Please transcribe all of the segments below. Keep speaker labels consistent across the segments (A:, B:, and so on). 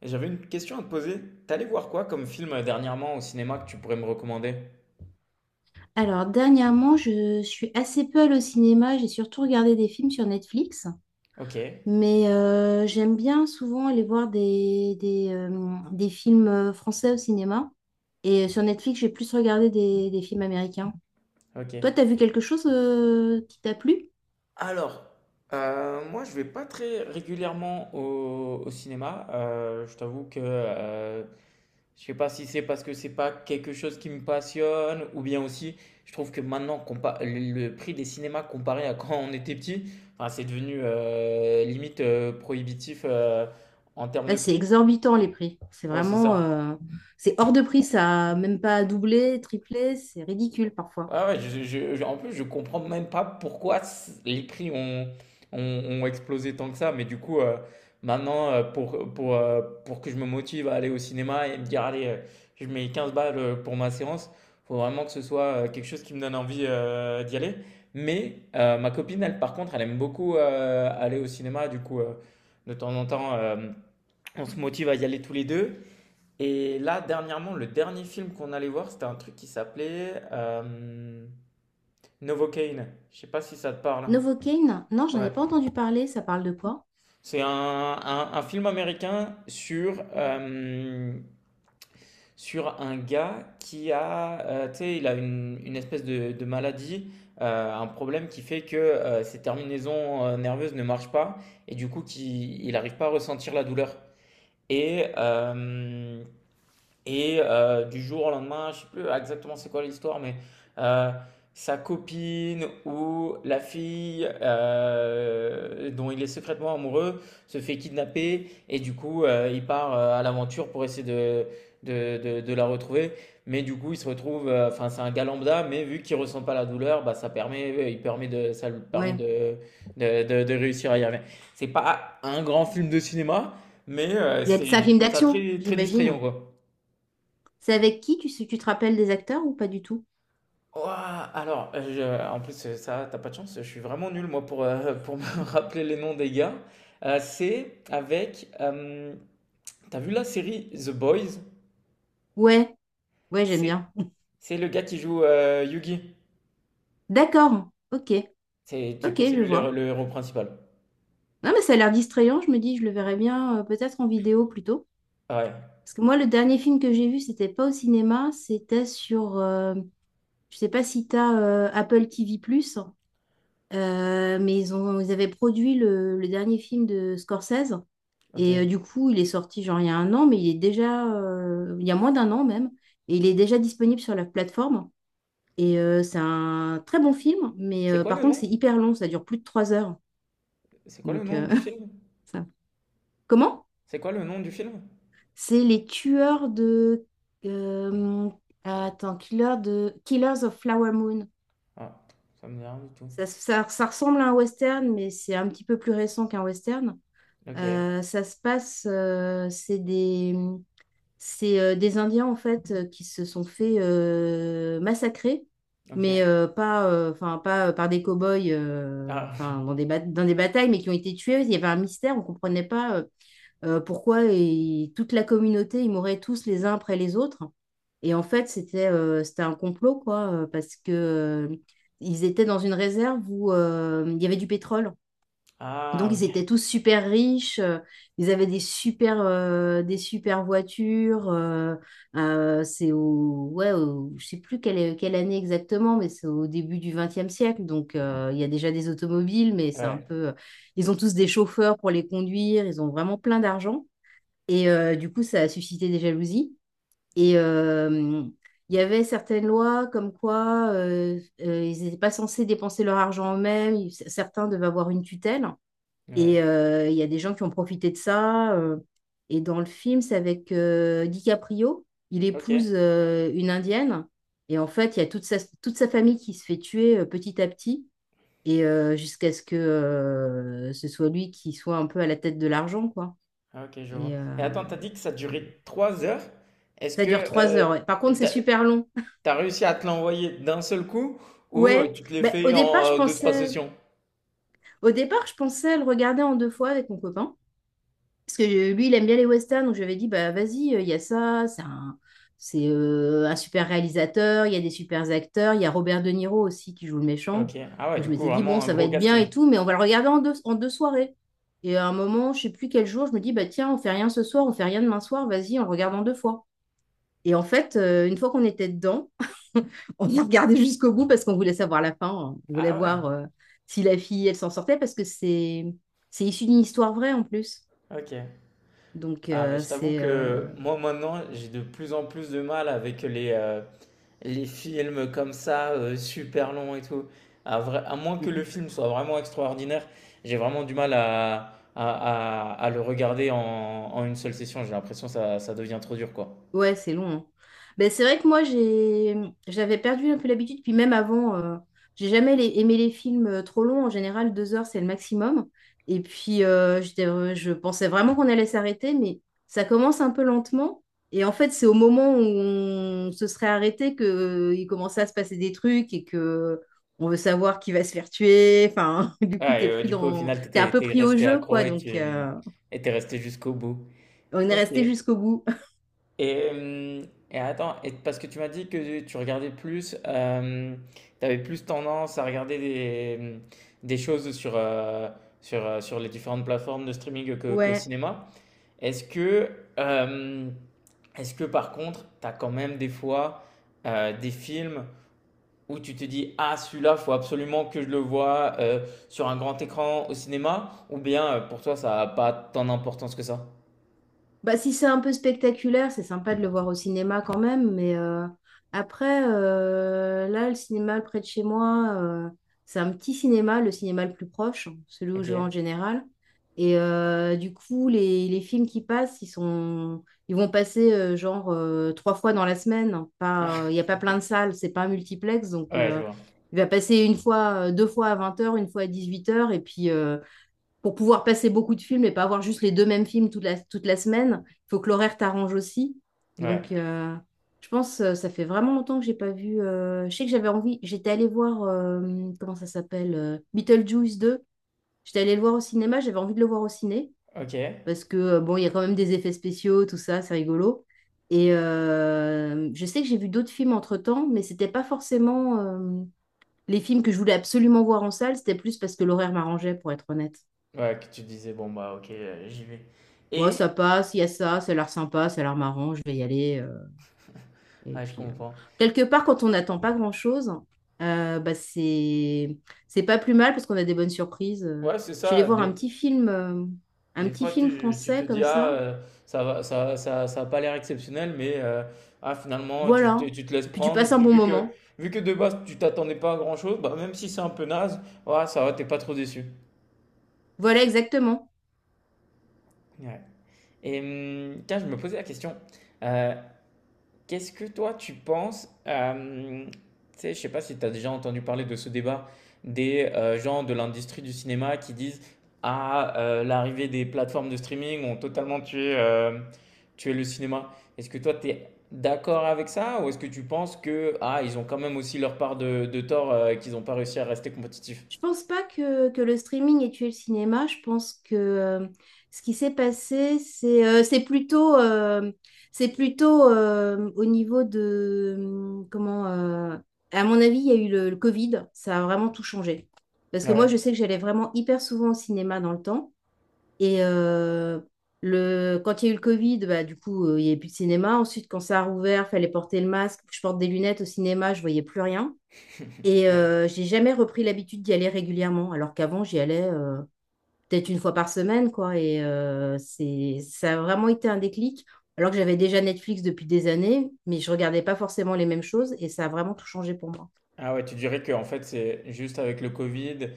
A: Et j'avais une question à te poser. T'allais voir quoi comme film dernièrement au cinéma que tu pourrais me recommander?
B: Alors, dernièrement, je suis assez peu allée au cinéma. J'ai surtout regardé des films sur Netflix.
A: Ok,
B: Mais j'aime bien souvent aller voir des films français au cinéma. Et sur Netflix, j'ai plus regardé des films américains. Toi,
A: ok.
B: t'as vu quelque chose qui t'a plu?
A: Alors, moi je vais pas très régulièrement au, au cinéma. Je t'avoue que je sais pas si c'est parce que c'est pas quelque chose qui me passionne ou bien aussi je trouve que maintenant le prix des cinémas comparé à quand on était petit, enfin, c'est devenu limite prohibitif en termes
B: Ah,
A: de
B: c'est
A: prix.
B: exorbitant les prix. C'est
A: Ouais, c'est
B: vraiment...
A: ça.
B: euh, C'est hors de prix, ça. Même pas doublé, triplé. C'est ridicule parfois.
A: Ouais, ouais, en plus, je comprends même pas pourquoi les prix ont, ont, ont explosé tant que ça. Mais du coup, maintenant, pour que je me motive à aller au cinéma et me dire, allez, je mets 15 balles pour ma séance, faut vraiment que ce soit quelque chose qui me donne envie d'y aller. Mais ma copine, elle, par contre, elle aime beaucoup aller au cinéma. Du coup, de temps en temps, on se motive à y aller tous les deux. Et là, dernièrement, le dernier film qu'on allait voir, c'était un truc qui s'appelait Novocaine. Je sais pas si ça te parle.
B: Novocaine? Non, j'en ai
A: Ouais.
B: pas entendu parler. Ça parle de quoi?
A: C'est un, un film américain sur, sur un gars qui a, tu sais, il a une espèce de maladie, un problème qui fait que ses terminaisons nerveuses ne marchent pas et du coup, qui, il n'arrive pas à ressentir la douleur. Et euh, Et du jour au lendemain, je ne sais plus exactement c'est quoi l'histoire, mais euh, sa copine ou la fille dont il est secrètement amoureux se fait kidnapper et du coup il part à l'aventure pour essayer de, de la retrouver. Mais du coup il se retrouve, enfin c'est un gars lambda, mais vu qu'il ressent pas la douleur, bah, ça permet, il permet de, ça lui permet
B: Ouais.
A: de, de réussir à y arriver. C'est pas un grand film de cinéma, mais c'est,
B: C'est un
A: je
B: film
A: trouve ça
B: d'action,
A: très, très distrayant
B: j'imagine.
A: quoi.
B: C'est avec qui? Tu sais, tu te rappelles des acteurs ou pas du tout?
A: Ouah, alors, en plus, ça, t'as pas de chance, je suis vraiment nul, moi, pour, pour me rappeler les noms des gars. C'est avec. T'as vu la série The Boys?
B: Ouais, ouais, j'aime
A: C'est,
B: bien.
A: c'est le gars qui joue Yugi.
B: D'accord, ok,
A: C'est, du
B: ok,
A: coup, c'est
B: je
A: lui
B: vois.
A: le héros principal.
B: Non, mais ça a l'air distrayant, je me dis, je le verrai bien peut-être en vidéo plutôt.
A: Ouais,
B: Parce que moi, le dernier film que j'ai vu, c'était pas au cinéma, c'était sur, je sais pas si t'as Apple TV+, mais ils ont, ils avaient produit le dernier film de Scorsese.
A: ok.
B: Et du coup, il est sorti genre il y a un an, mais il est déjà, il y a moins d'un an même, et il est déjà disponible sur la plateforme. Et c'est un très bon film, mais
A: C'est quoi
B: par
A: le
B: contre,
A: nom?
B: c'est hyper long, ça dure plus de 3 heures.
A: C'est quoi le
B: Donc,
A: nom
B: euh,
A: du film?
B: ça. Comment?
A: C'est quoi le nom du film?
B: C'est les tueurs de, euh, attends, killer de, Killers of Flower Moon.
A: Ah, ça me dit rien du tout.
B: Ça ressemble à un western, mais c'est un petit peu plus récent qu'un western.
A: Ok,
B: Ça se passe, c'est des Indiens en fait qui se sont fait massacrer, mais
A: ok.
B: pas, enfin pas par des cow-boys,
A: Ah,
B: enfin dans des batailles, mais qui ont été tués. Il y avait un mystère, on comprenait pas pourquoi et toute la communauté ils mouraient tous les uns après les autres. Et en fait c'était un complot quoi, parce que ils étaient dans une réserve où il y avait du pétrole. Donc,
A: ah,
B: ils étaient
A: ok.
B: tous super riches, ils avaient des super voitures. C'est ouais, je sais plus quelle année exactement, mais c'est au début du XXe siècle. Donc, il y a déjà des automobiles, mais c'est un
A: Ouais,
B: peu. Ils ont tous des chauffeurs pour les conduire, ils ont vraiment plein d'argent. Et du coup, ça a suscité des jalousies. Et il y avait certaines lois comme quoi ils n'étaient pas censés dépenser leur argent eux-mêmes, certains devaient avoir une tutelle.
A: ouais.
B: Et il y a des gens qui ont profité de ça. Et dans le film, c'est avec DiCaprio. Il
A: Ok.
B: épouse une Indienne. Et en fait, il y a toute sa famille qui se fait tuer petit à petit. Et jusqu'à ce que ce soit lui qui soit un peu à la tête de l'argent, quoi.
A: Ah, ok, je vois.
B: Et, euh,
A: Et attends, t'as dit que ça durait 3 heures. Est-ce
B: Ça
A: que
B: dure trois
A: euh,
B: heures. Ouais. Par contre, c'est
A: t'as,
B: super long.
A: t'as réussi à te l'envoyer d'un seul coup ou
B: Ouais.
A: tu te l'es
B: Ben,
A: fait en deux, trois sessions?
B: au départ, je pensais le regarder en deux fois avec mon copain. Parce que lui, il aime bien les westerns, donc je lui avais dit, bah vas-y, il y a ça, un super réalisateur, il y a des super acteurs, il y a Robert De Niro aussi qui joue le méchant.
A: Ok. Ah ouais,
B: Donc je
A: du coup,
B: m'étais dit, bon,
A: vraiment un
B: ça va
A: gros
B: être bien et
A: casting.
B: tout, mais on va le regarder en deux soirées. Et à un moment, je sais plus quel jour, je me dis, bah tiens, on fait rien ce soir, on fait rien demain soir, vas-y, on le regarde en deux fois. Et en fait, une fois qu'on était dedans, on a regardé jusqu'au bout parce qu'on voulait savoir la fin, hein. On voulait
A: Ah ouais,
B: voir si la fille, elle s'en sortait, parce que c'est issu d'une histoire vraie en plus.
A: ok.
B: Donc,
A: Ah mais
B: euh,
A: je t'avoue
B: c'est... euh,
A: que moi maintenant, j'ai de plus en plus de mal avec les, les films comme ça, super longs et tout, à vrai à moins
B: mm,
A: que le
B: mm.
A: film soit vraiment extraordinaire, j'ai vraiment du mal à le regarder en une seule session. J'ai l'impression que ça devient trop dur, quoi.
B: Ouais, c'est long, hein. Ben, c'est vrai que moi, j'avais perdu un peu l'habitude. Puis même avant, j'ai jamais aimé les films trop longs. En général, 2 heures, c'est le maximum. Et puis, je pensais vraiment qu'on allait s'arrêter, mais ça commence un peu lentement. Et en fait, c'est au moment où on se serait arrêté que il commençait à se passer des trucs et que on veut savoir qui va se faire tuer. Enfin, du coup,
A: Ah et du coup, au final,
B: t'es un
A: t'étais
B: peu
A: étais
B: pris au
A: resté
B: jeu,
A: accro
B: quoi.
A: et
B: Donc,
A: tu, mmh et tu resté jusqu'au bout.
B: on est
A: Ok.
B: resté jusqu'au bout.
A: Et hem et attends et parce que tu m'as dit que tu regardais plus, tu plus tendance à regarder des, mmh, des choses sur, sur, sur les différentes plateformes de streaming que qu'au
B: Ouais.
A: cinéma. Est-ce que, euh, est-ce que par contre, tu as quand même des fois des films où tu te dis ah, celui-là, faut absolument que je le voie sur un grand écran au cinéma? Ou bien pour toi, ça n'a pas tant d'importance que ça?
B: Bah, si c'est un peu spectaculaire, c'est sympa de le voir au cinéma quand même, mais après, là, le cinéma près de chez moi, c'est un petit cinéma le plus proche, celui où je vais en
A: Ok.
B: général. Et du coup, les films qui passent, ils vont passer genre trois fois dans la semaine. Pas, il n'y a pas plein de salles, c'est pas un multiplex, donc
A: Ouais, je vois.
B: il va passer une fois, deux fois à 20 heures, une fois à 18 heures, et puis pour pouvoir passer beaucoup de films et pas avoir juste les deux mêmes films toute la semaine, il faut que l'horaire t'arrange aussi.
A: Ouais.
B: Donc, je pense, ça fait vraiment longtemps que j'ai pas vu. Je sais que j'avais envie, j'étais allée voir, comment ça s'appelle Beetlejuice 2. J'étais allée le voir au cinéma, j'avais envie de le voir au ciné
A: Ok. Ouais,
B: parce que, bon, il y a quand même des effets spéciaux, tout ça, c'est rigolo. Et je sais que j'ai vu d'autres films entre-temps, mais c'était pas forcément les films que je voulais absolument voir en salle, c'était plus parce que l'horaire m'arrangeait, pour être honnête.
A: que tu disais, bon, bah, ok, j'y vais.
B: Ouais, ça
A: Et.
B: passe, il y a ça, ça a l'air sympa, ça a l'air marrant, je vais y aller. Et
A: Ouais, je
B: puis,
A: comprends.
B: quelque part, quand on n'attend pas grand-chose, bah, c'est pas plus mal parce qu'on a des bonnes surprises.
A: Ouais, c'est
B: Je suis allée
A: ça.
B: voir un
A: Des
B: petit
A: fois,
B: film
A: tu te
B: français
A: dis,
B: comme
A: ah,
B: ça.
A: ça va, ça a pas l'air exceptionnel, mais ah, finalement, tu,
B: Voilà.
A: tu te laisses
B: Et puis tu
A: prendre. Et
B: passes un
A: puis,
B: bon moment.
A: vu que de base, tu t'attendais pas à grand-chose, bah, même si c'est un peu naze, ouais, ça va, t'es pas trop déçu.
B: Voilà, exactement.
A: Ouais. Et tiens, je me posais la question, euh, qu'est-ce que toi tu penses tu sais, je sais pas si tu as déjà entendu parler de ce débat des gens de l'industrie du cinéma qui disent ah, l'arrivée des plateformes de streaming ont totalement tué, tué le cinéma. Est-ce que toi tu es d'accord avec ça ou est-ce que tu penses que ah, ils ont quand même aussi leur part de tort et qu'ils n'ont pas réussi à rester compétitifs?
B: Je pense pas que le streaming ait tué le cinéma. Je pense que ce qui s'est passé, c'est plutôt au niveau de... à mon avis, il y a eu le Covid. Ça a vraiment tout changé. Parce que moi,
A: Ouais.
B: je sais que j'allais vraiment hyper souvent au cinéma dans le temps. Et quand il y a eu le Covid, bah, du coup, il n'y avait plus de cinéma. Ensuite, quand ça a rouvert, fallait porter le masque. Je porte des lunettes au cinéma, je voyais plus rien. Et
A: Ouais.
B: j'ai jamais repris l'habitude d'y aller régulièrement, alors qu'avant, j'y allais peut-être une fois par semaine, quoi. Et ça a vraiment été un déclic, alors que j'avais déjà Netflix depuis des années, mais je regardais pas forcément les mêmes choses, et ça a vraiment tout changé pour moi.
A: Ah ouais, tu dirais que en fait c'est juste avec le Covid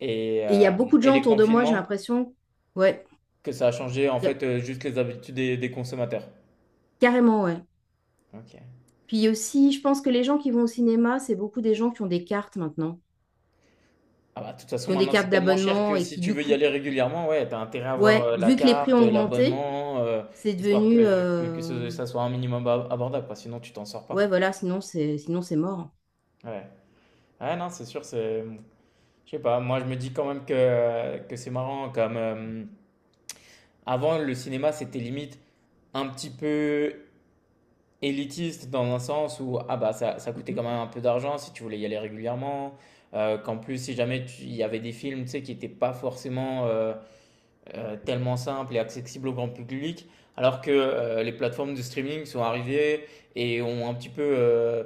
A: et,
B: Et il y a
A: euh,
B: beaucoup de
A: et
B: gens
A: les
B: autour de moi, j'ai
A: confinements.
B: l'impression, ouais,
A: Que ça a changé en
B: y a-
A: fait juste les habitudes des consommateurs.
B: carrément, ouais.
A: Ok.
B: Puis aussi, je pense que les gens qui vont au cinéma, c'est beaucoup des gens qui ont des cartes maintenant,
A: Ah bah, de toute façon,
B: qui ont des
A: maintenant c'est
B: cartes
A: tellement cher
B: d'abonnement
A: que
B: et
A: si
B: qui,
A: tu
B: du
A: veux y
B: coup,
A: aller régulièrement, ouais, t'as intérêt à avoir
B: ouais,
A: la
B: vu que les prix
A: carte,
B: ont augmenté,
A: l'abonnement,
B: c'est
A: histoire
B: devenu...
A: que ça soit un minimum abordable, quoi, sinon tu t'en sors
B: Ouais,
A: pas.
B: voilà, sinon c'est mort.
A: Ouais. Ouais, non, c'est sûr, c'est. Je sais pas, moi je me dis quand même que c'est marrant, comme avant le cinéma c'était limite un petit peu élitiste dans un sens où ah bah ça, ça coûtait
B: Mhm.
A: quand même un peu d'argent si tu voulais y aller régulièrement, qu'en plus si jamais il y avait des films tu sais, qui n'étaient pas forcément tellement simples et accessibles au grand public, alors que les plateformes de streaming sont arrivées et ont un petit peu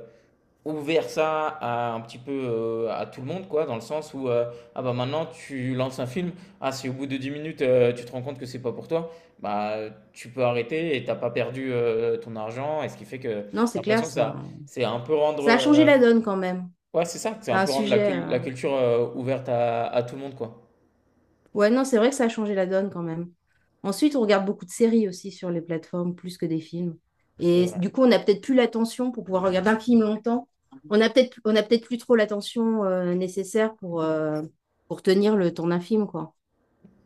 A: ouvert ça à un petit peu à tout le monde, quoi, dans le sens où ah bah maintenant tu lances un film, ah si au bout de 10 minutes tu te rends compte que c'est pas pour toi, bah tu peux arrêter et t'as pas perdu ton argent, et ce qui fait que j'ai
B: Non, c'est clair,
A: l'impression que
B: ça,
A: ça
B: hein.
A: c'est un peu rendre
B: Ça a changé la donne quand même.
A: ouais c'est ça, c'est
B: C'est
A: un
B: un
A: peu rendre la,
B: sujet.
A: la culture ouverte à tout le monde, quoi.
B: Ouais, non, c'est vrai que ça a changé la donne quand même. Ensuite, on regarde beaucoup de séries aussi sur les plateformes, plus que des films.
A: C'est
B: Et
A: vrai,
B: du coup, on n'a peut-être plus l'attention pour pouvoir regarder un film longtemps. On a peut-être plus trop l'attention nécessaire pour tenir le temps d'un film, quoi.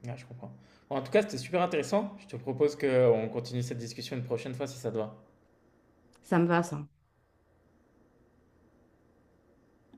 A: ouais, je comprends. Bon, en tout cas c'était super intéressant, je te propose qu'on continue cette discussion une prochaine fois si ça te va.
B: Ça me va, ça.